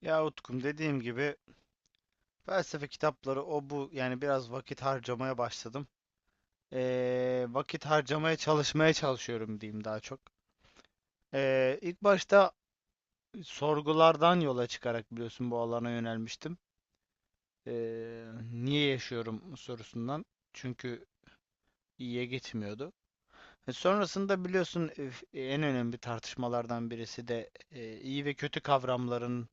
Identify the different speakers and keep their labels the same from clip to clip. Speaker 1: Ya Utkum, dediğim gibi felsefe kitapları, o bu, yani biraz vakit harcamaya başladım. Vakit harcamaya çalışmaya çalışıyorum diyeyim daha çok. İlk başta sorgulardan yola çıkarak biliyorsun bu alana yönelmiştim. Ee, niye yaşıyorum sorusundan. Çünkü iyiye gitmiyordu. Sonrasında biliyorsun, en önemli tartışmalardan birisi de, iyi ve kötü kavramların,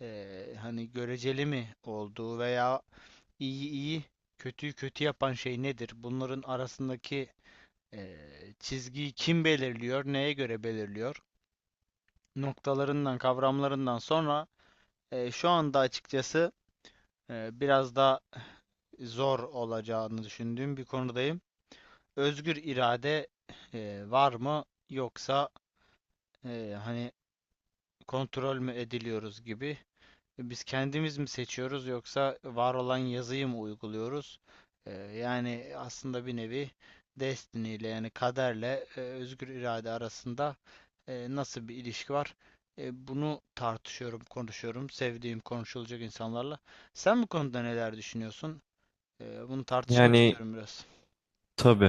Speaker 1: hani göreceli mi olduğu veya İyi iyi, kötüyü kötü yapan şey nedir? Bunların arasındaki çizgiyi kim belirliyor? Neye göre belirliyor? Noktalarından, kavramlarından sonra şu anda açıkçası biraz daha zor olacağını düşündüğüm bir konudayım. Özgür irade var mı, yoksa hani kontrol mü ediliyoruz gibi. Biz kendimiz mi seçiyoruz, yoksa var olan yazıyı mı uyguluyoruz? Yani aslında bir nevi destiny ile, yani kaderle, özgür irade arasında nasıl bir ilişki var? Bunu tartışıyorum, konuşuyorum. Sevdiğim, konuşulacak insanlarla. Sen bu konuda neler düşünüyorsun? Bunu tartışmak
Speaker 2: Yani
Speaker 1: istiyorum biraz.
Speaker 2: tabii.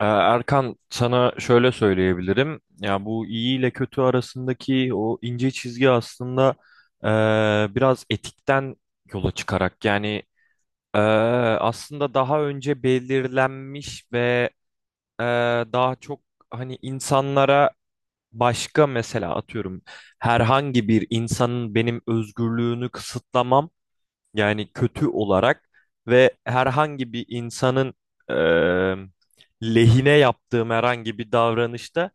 Speaker 2: Erkan sana şöyle söyleyebilirim. Ya bu iyi ile kötü arasındaki o ince çizgi aslında biraz etikten yola çıkarak yani eee, aslında daha önce belirlenmiş ve eee, daha çok hani insanlara başka, mesela atıyorum, herhangi bir insanın benim özgürlüğünü kısıtlamam yani kötü olarak ve herhangi bir insanın eee, lehine yaptığım herhangi bir davranışta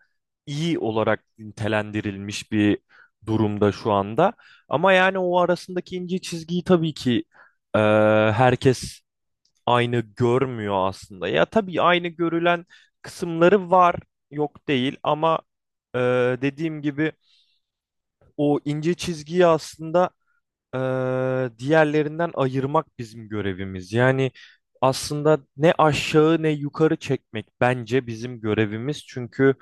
Speaker 2: iyi olarak nitelendirilmiş bir durumda şu anda. Ama yani o arasındaki ince çizgiyi tabii ki eee, herkes aynı görmüyor aslında. Ya tabii aynı görülen kısımları var, yok değil ama dediğim gibi o ince çizgiyi aslında diğerlerinden ayırmak bizim görevimiz. Yani aslında ne aşağı ne yukarı çekmek bence bizim görevimiz. Çünkü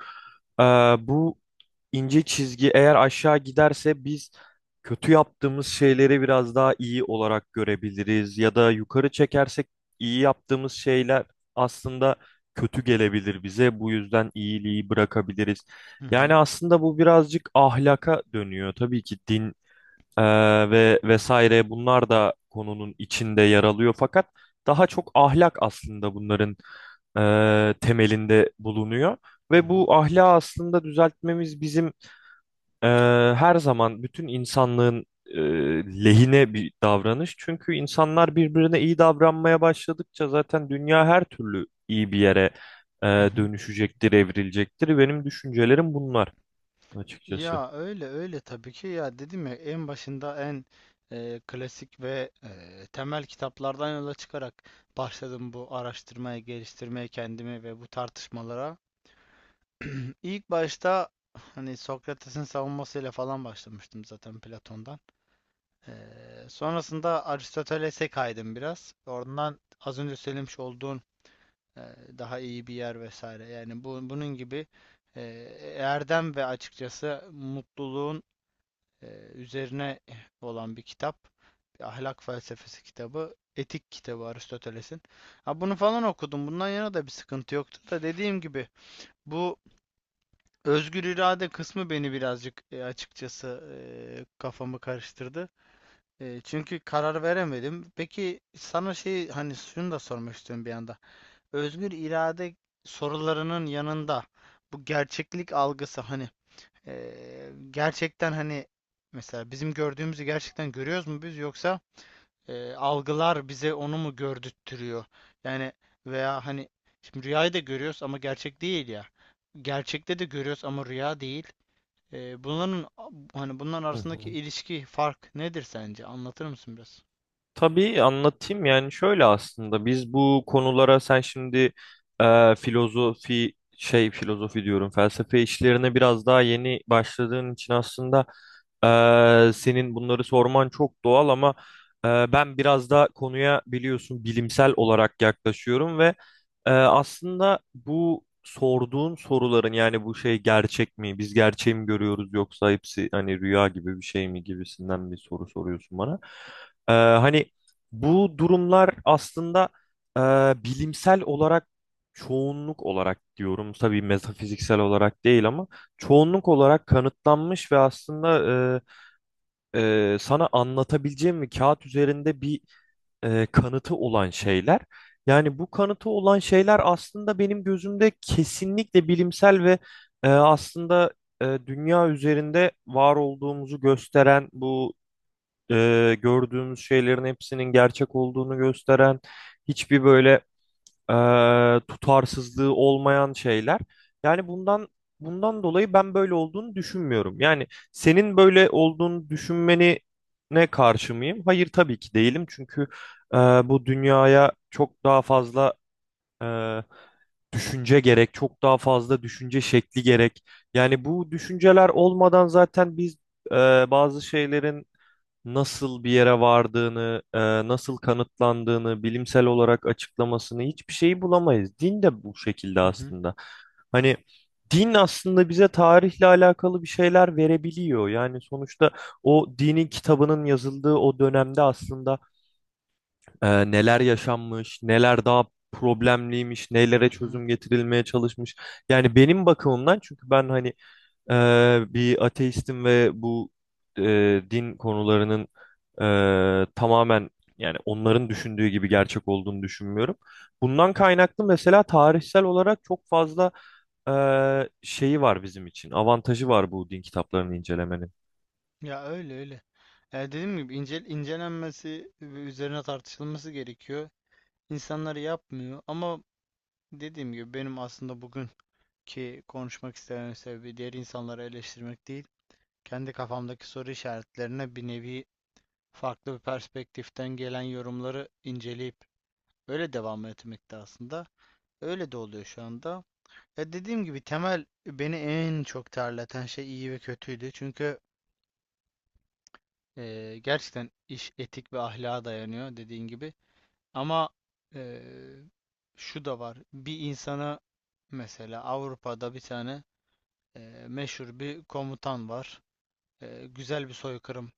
Speaker 2: eee, bu ince çizgi eğer aşağı giderse biz kötü yaptığımız şeyleri biraz daha iyi olarak görebiliriz. Ya da yukarı çekersek iyi yaptığımız şeyler aslında kötü gelebilir bize. Bu yüzden iyiliği bırakabiliriz.
Speaker 1: Hı hı.
Speaker 2: Yani aslında bu birazcık ahlaka dönüyor. Tabii ki din ee, ve vesaire bunlar da konunun içinde yer alıyor fakat daha çok ahlak aslında bunların temelinde bulunuyor
Speaker 1: Hı
Speaker 2: ve
Speaker 1: hı.
Speaker 2: bu ahlakı aslında düzeltmemiz bizim e, her zaman bütün insanlığın lehine bir davranış. Çünkü insanlar birbirine iyi davranmaya başladıkça zaten dünya her türlü iyi bir yere
Speaker 1: Hı hı.
Speaker 2: dönüşecektir, evrilecektir. Benim düşüncelerim bunlar açıkçası.
Speaker 1: Ya, öyle öyle, tabii ki. Ya, dedim ya, en başında en klasik ve temel kitaplardan yola çıkarak başladım bu araştırmaya, geliştirmeye kendimi ve bu tartışmalara. İlk başta hani Sokrates'in savunmasıyla falan başlamıştım zaten, Platon'dan. E, sonrasında Aristoteles'e kaydım biraz. Oradan az önce söylemiş olduğun e, daha iyi bir yer vesaire. Yani bu, bunun gibi e, erdem ve açıkçası mutluluğun e, üzerine olan bir kitap. Bir ahlak felsefesi kitabı. Etik kitabı, Aristoteles'in. Ha, bunu falan okudum. Bundan yana da bir sıkıntı yoktu da, dediğim gibi bu özgür irade kısmı beni birazcık açıkçası e, kafamı karıştırdı. Çünkü karar veremedim. Peki sana şey, hani şunu da sormak istiyorum bir anda. Özgür irade sorularının yanında bu gerçeklik algısı, hani gerçekten hani mesela bizim gördüğümüzü gerçekten görüyoruz mu biz, yoksa algılar bize onu mu gördürtüyor? Yani, veya hani şimdi rüyayı da görüyoruz ama gerçek değil ya. Gerçekte de görüyoruz ama rüya değil. Bunların hani, bunların
Speaker 2: Hı
Speaker 1: arasındaki
Speaker 2: hı.
Speaker 1: ilişki, fark nedir sence? Anlatır mısın biraz?
Speaker 2: Tabii anlatayım. Yani şöyle, aslında biz bu konulara, sen şimdi filozofi şey filozofi diyorum, felsefe işlerine biraz daha yeni başladığın için aslında senin bunları sorman çok doğal, ama ben biraz da konuya biliyorsun bilimsel olarak yaklaşıyorum ve aslında bu sorduğun soruların, yani bu şey, gerçek mi biz gerçeği mi görüyoruz yoksa hepsi hani rüya gibi bir şey mi gibisinden bir soru soruyorsun bana. Hani bu durumlar aslında e, bilimsel olarak, çoğunluk olarak diyorum tabii, metafiziksel olarak değil ama çoğunluk olarak kanıtlanmış ve aslında e, sana anlatabileceğim, bir kağıt üzerinde bir kanıtı olan şeyler. Yani bu kanıtı olan şeyler aslında benim gözümde kesinlikle bilimsel ve aslında dünya üzerinde var olduğumuzu gösteren, bu gördüğümüz şeylerin hepsinin gerçek olduğunu gösteren, hiçbir böyle tutarsızlığı olmayan şeyler. Yani bundan dolayı ben böyle olduğunu düşünmüyorum. Yani senin böyle olduğunu düşünmeni ne, karşı mıyım? Hayır, tabii ki değilim. Çünkü bu dünyaya çok daha fazla e, düşünce gerek, çok daha fazla düşünce şekli gerek. Yani bu düşünceler olmadan zaten biz e, bazı şeylerin nasıl bir yere vardığını, nasıl kanıtlandığını, bilimsel olarak açıklamasını, hiçbir şeyi bulamayız. Din de bu şekilde
Speaker 1: Hı hı.
Speaker 2: aslında. Hani din aslında bize tarihle alakalı bir şeyler verebiliyor. Yani sonuçta o dinin kitabının yazıldığı o dönemde aslında neler yaşanmış, neler daha problemliymiş, nelere
Speaker 1: Hı hı.
Speaker 2: çözüm getirilmeye çalışmış. Yani benim bakımımdan, çünkü ben hani bir ateistim ve bu din konularının tamamen, yani onların düşündüğü gibi gerçek olduğunu düşünmüyorum. Bundan kaynaklı mesela tarihsel olarak çok fazla şeyi var bizim için. Avantajı var bu din kitaplarını incelemenin.
Speaker 1: Ya, öyle öyle. Dediğim gibi incelenmesi ve üzerine tartışılması gerekiyor. İnsanlar yapmıyor ama dediğim gibi benim aslında bugün ki konuşmak istememin sebebi diğer insanları eleştirmek değil, kendi kafamdaki soru işaretlerine bir nevi farklı bir perspektiften gelen yorumları inceleyip öyle devam etmekte aslında. Öyle de oluyor şu anda. Dediğim gibi, temel beni en çok terleten şey iyi ve kötüydü. Çünkü gerçekten iş etik ve ahlaka dayanıyor, dediğin gibi. Ama e, şu da var. Bir insana, mesela Avrupa'da bir tane e, meşhur bir komutan var. Güzel bir soykırım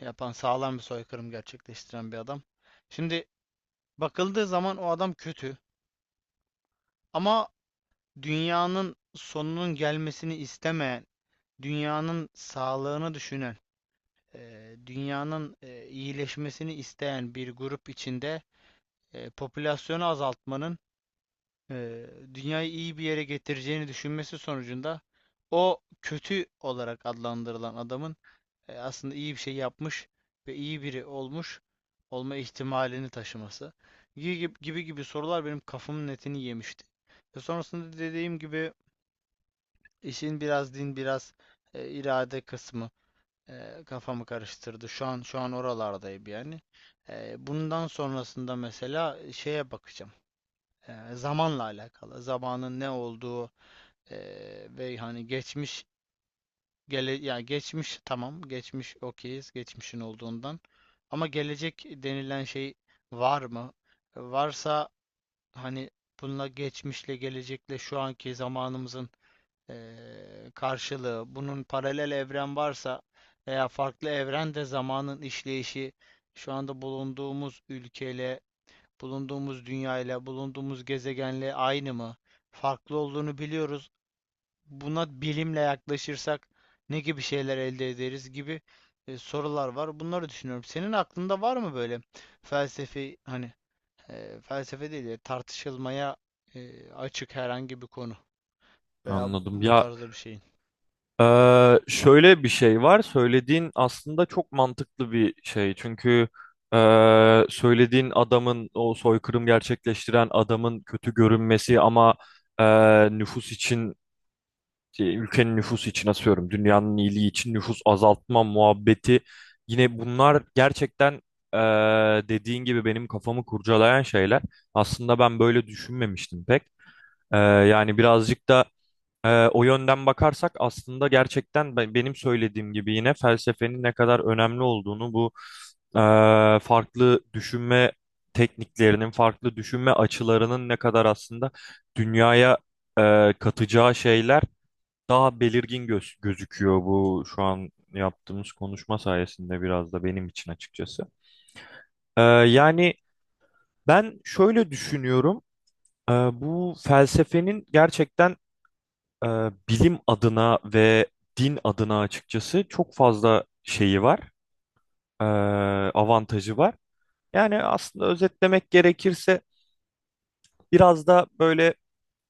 Speaker 1: yapan, sağlam bir soykırım gerçekleştiren bir adam. Şimdi bakıldığı zaman o adam kötü, ama dünyanın sonunun gelmesini istemeyen, dünyanın sağlığını düşünen, dünyanın iyileşmesini isteyen bir grup içinde popülasyonu azaltmanın e, dünyayı iyi bir yere getireceğini düşünmesi sonucunda, o kötü olarak adlandırılan adamın aslında iyi bir şey yapmış ve iyi biri olmuş olma ihtimalini taşıması gibi gibi, gibi sorular benim kafamın netini yemişti. Ve sonrasında, dediğim gibi, işin biraz din, biraz irade kısmı kafamı karıştırdı. Şu an, şu an oralardayım yani. Bundan sonrasında mesela şeye bakacağım. Zamanla alakalı, zamanın ne olduğu, e, ve hani geçmiş. Gele ya Geçmiş tamam, geçmiş okeyiz, geçmişin olduğundan, ama gelecek denilen şey var mı? Varsa, hani bununla, geçmişle, gelecekle şu anki zamanımızın karşılığı, bunun paralel evren varsa veya farklı evrende zamanın işleyişi şu anda bulunduğumuz ülkeyle, bulunduğumuz dünyayla, bulunduğumuz gezegenle aynı mı? Farklı olduğunu biliyoruz, buna bilimle yaklaşırsak ne gibi şeyler elde ederiz gibi sorular var. Bunları düşünüyorum. Senin aklında var mı böyle felsefi, hani felsefe değil de tartışılmaya açık herhangi bir konu veya
Speaker 2: Anladım.
Speaker 1: bu
Speaker 2: Ya,
Speaker 1: tarzda bir şeyin?
Speaker 2: Şöyle bir şey var. Söylediğin aslında çok mantıklı bir şey. Çünkü söylediğin adamın, o soykırım gerçekleştiren adamın kötü görünmesi ama ee, nüfus için, ülkenin nüfusu için, asıyorum dünyanın iyiliği için nüfus azaltma muhabbeti, yine bunlar gerçekten ee, dediğin gibi benim kafamı kurcalayan şeyler. Aslında ben böyle düşünmemiştim pek. Yani birazcık da o yönden bakarsak aslında gerçekten benim söylediğim gibi yine felsefenin ne kadar önemli olduğunu, bu e, farklı düşünme tekniklerinin, farklı düşünme açılarının ne kadar aslında dünyaya katacağı şeyler daha belirgin gözüküyor. Bu şu an yaptığımız konuşma sayesinde biraz da benim için açıkçası. Yani ben şöyle düşünüyorum. Ee, Bu felsefenin gerçekten e, bilim adına ve din adına açıkçası çok fazla şeyi var, e, avantajı var. Yani aslında özetlemek gerekirse biraz da böyle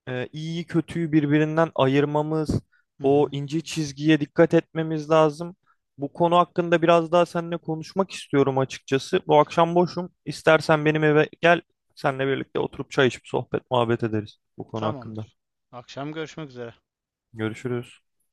Speaker 2: iyiyi kötüyü birbirinden ayırmamız,
Speaker 1: Hı
Speaker 2: o
Speaker 1: hı.
Speaker 2: ince çizgiye dikkat etmemiz lazım. Bu konu hakkında biraz daha seninle konuşmak istiyorum açıkçası. Bu akşam boşum. İstersen benim eve gel, seninle birlikte oturup çay içip sohbet muhabbet ederiz bu konu hakkında.
Speaker 1: Tamamdır. Akşam görüşmek üzere.
Speaker 2: Görüşürüz.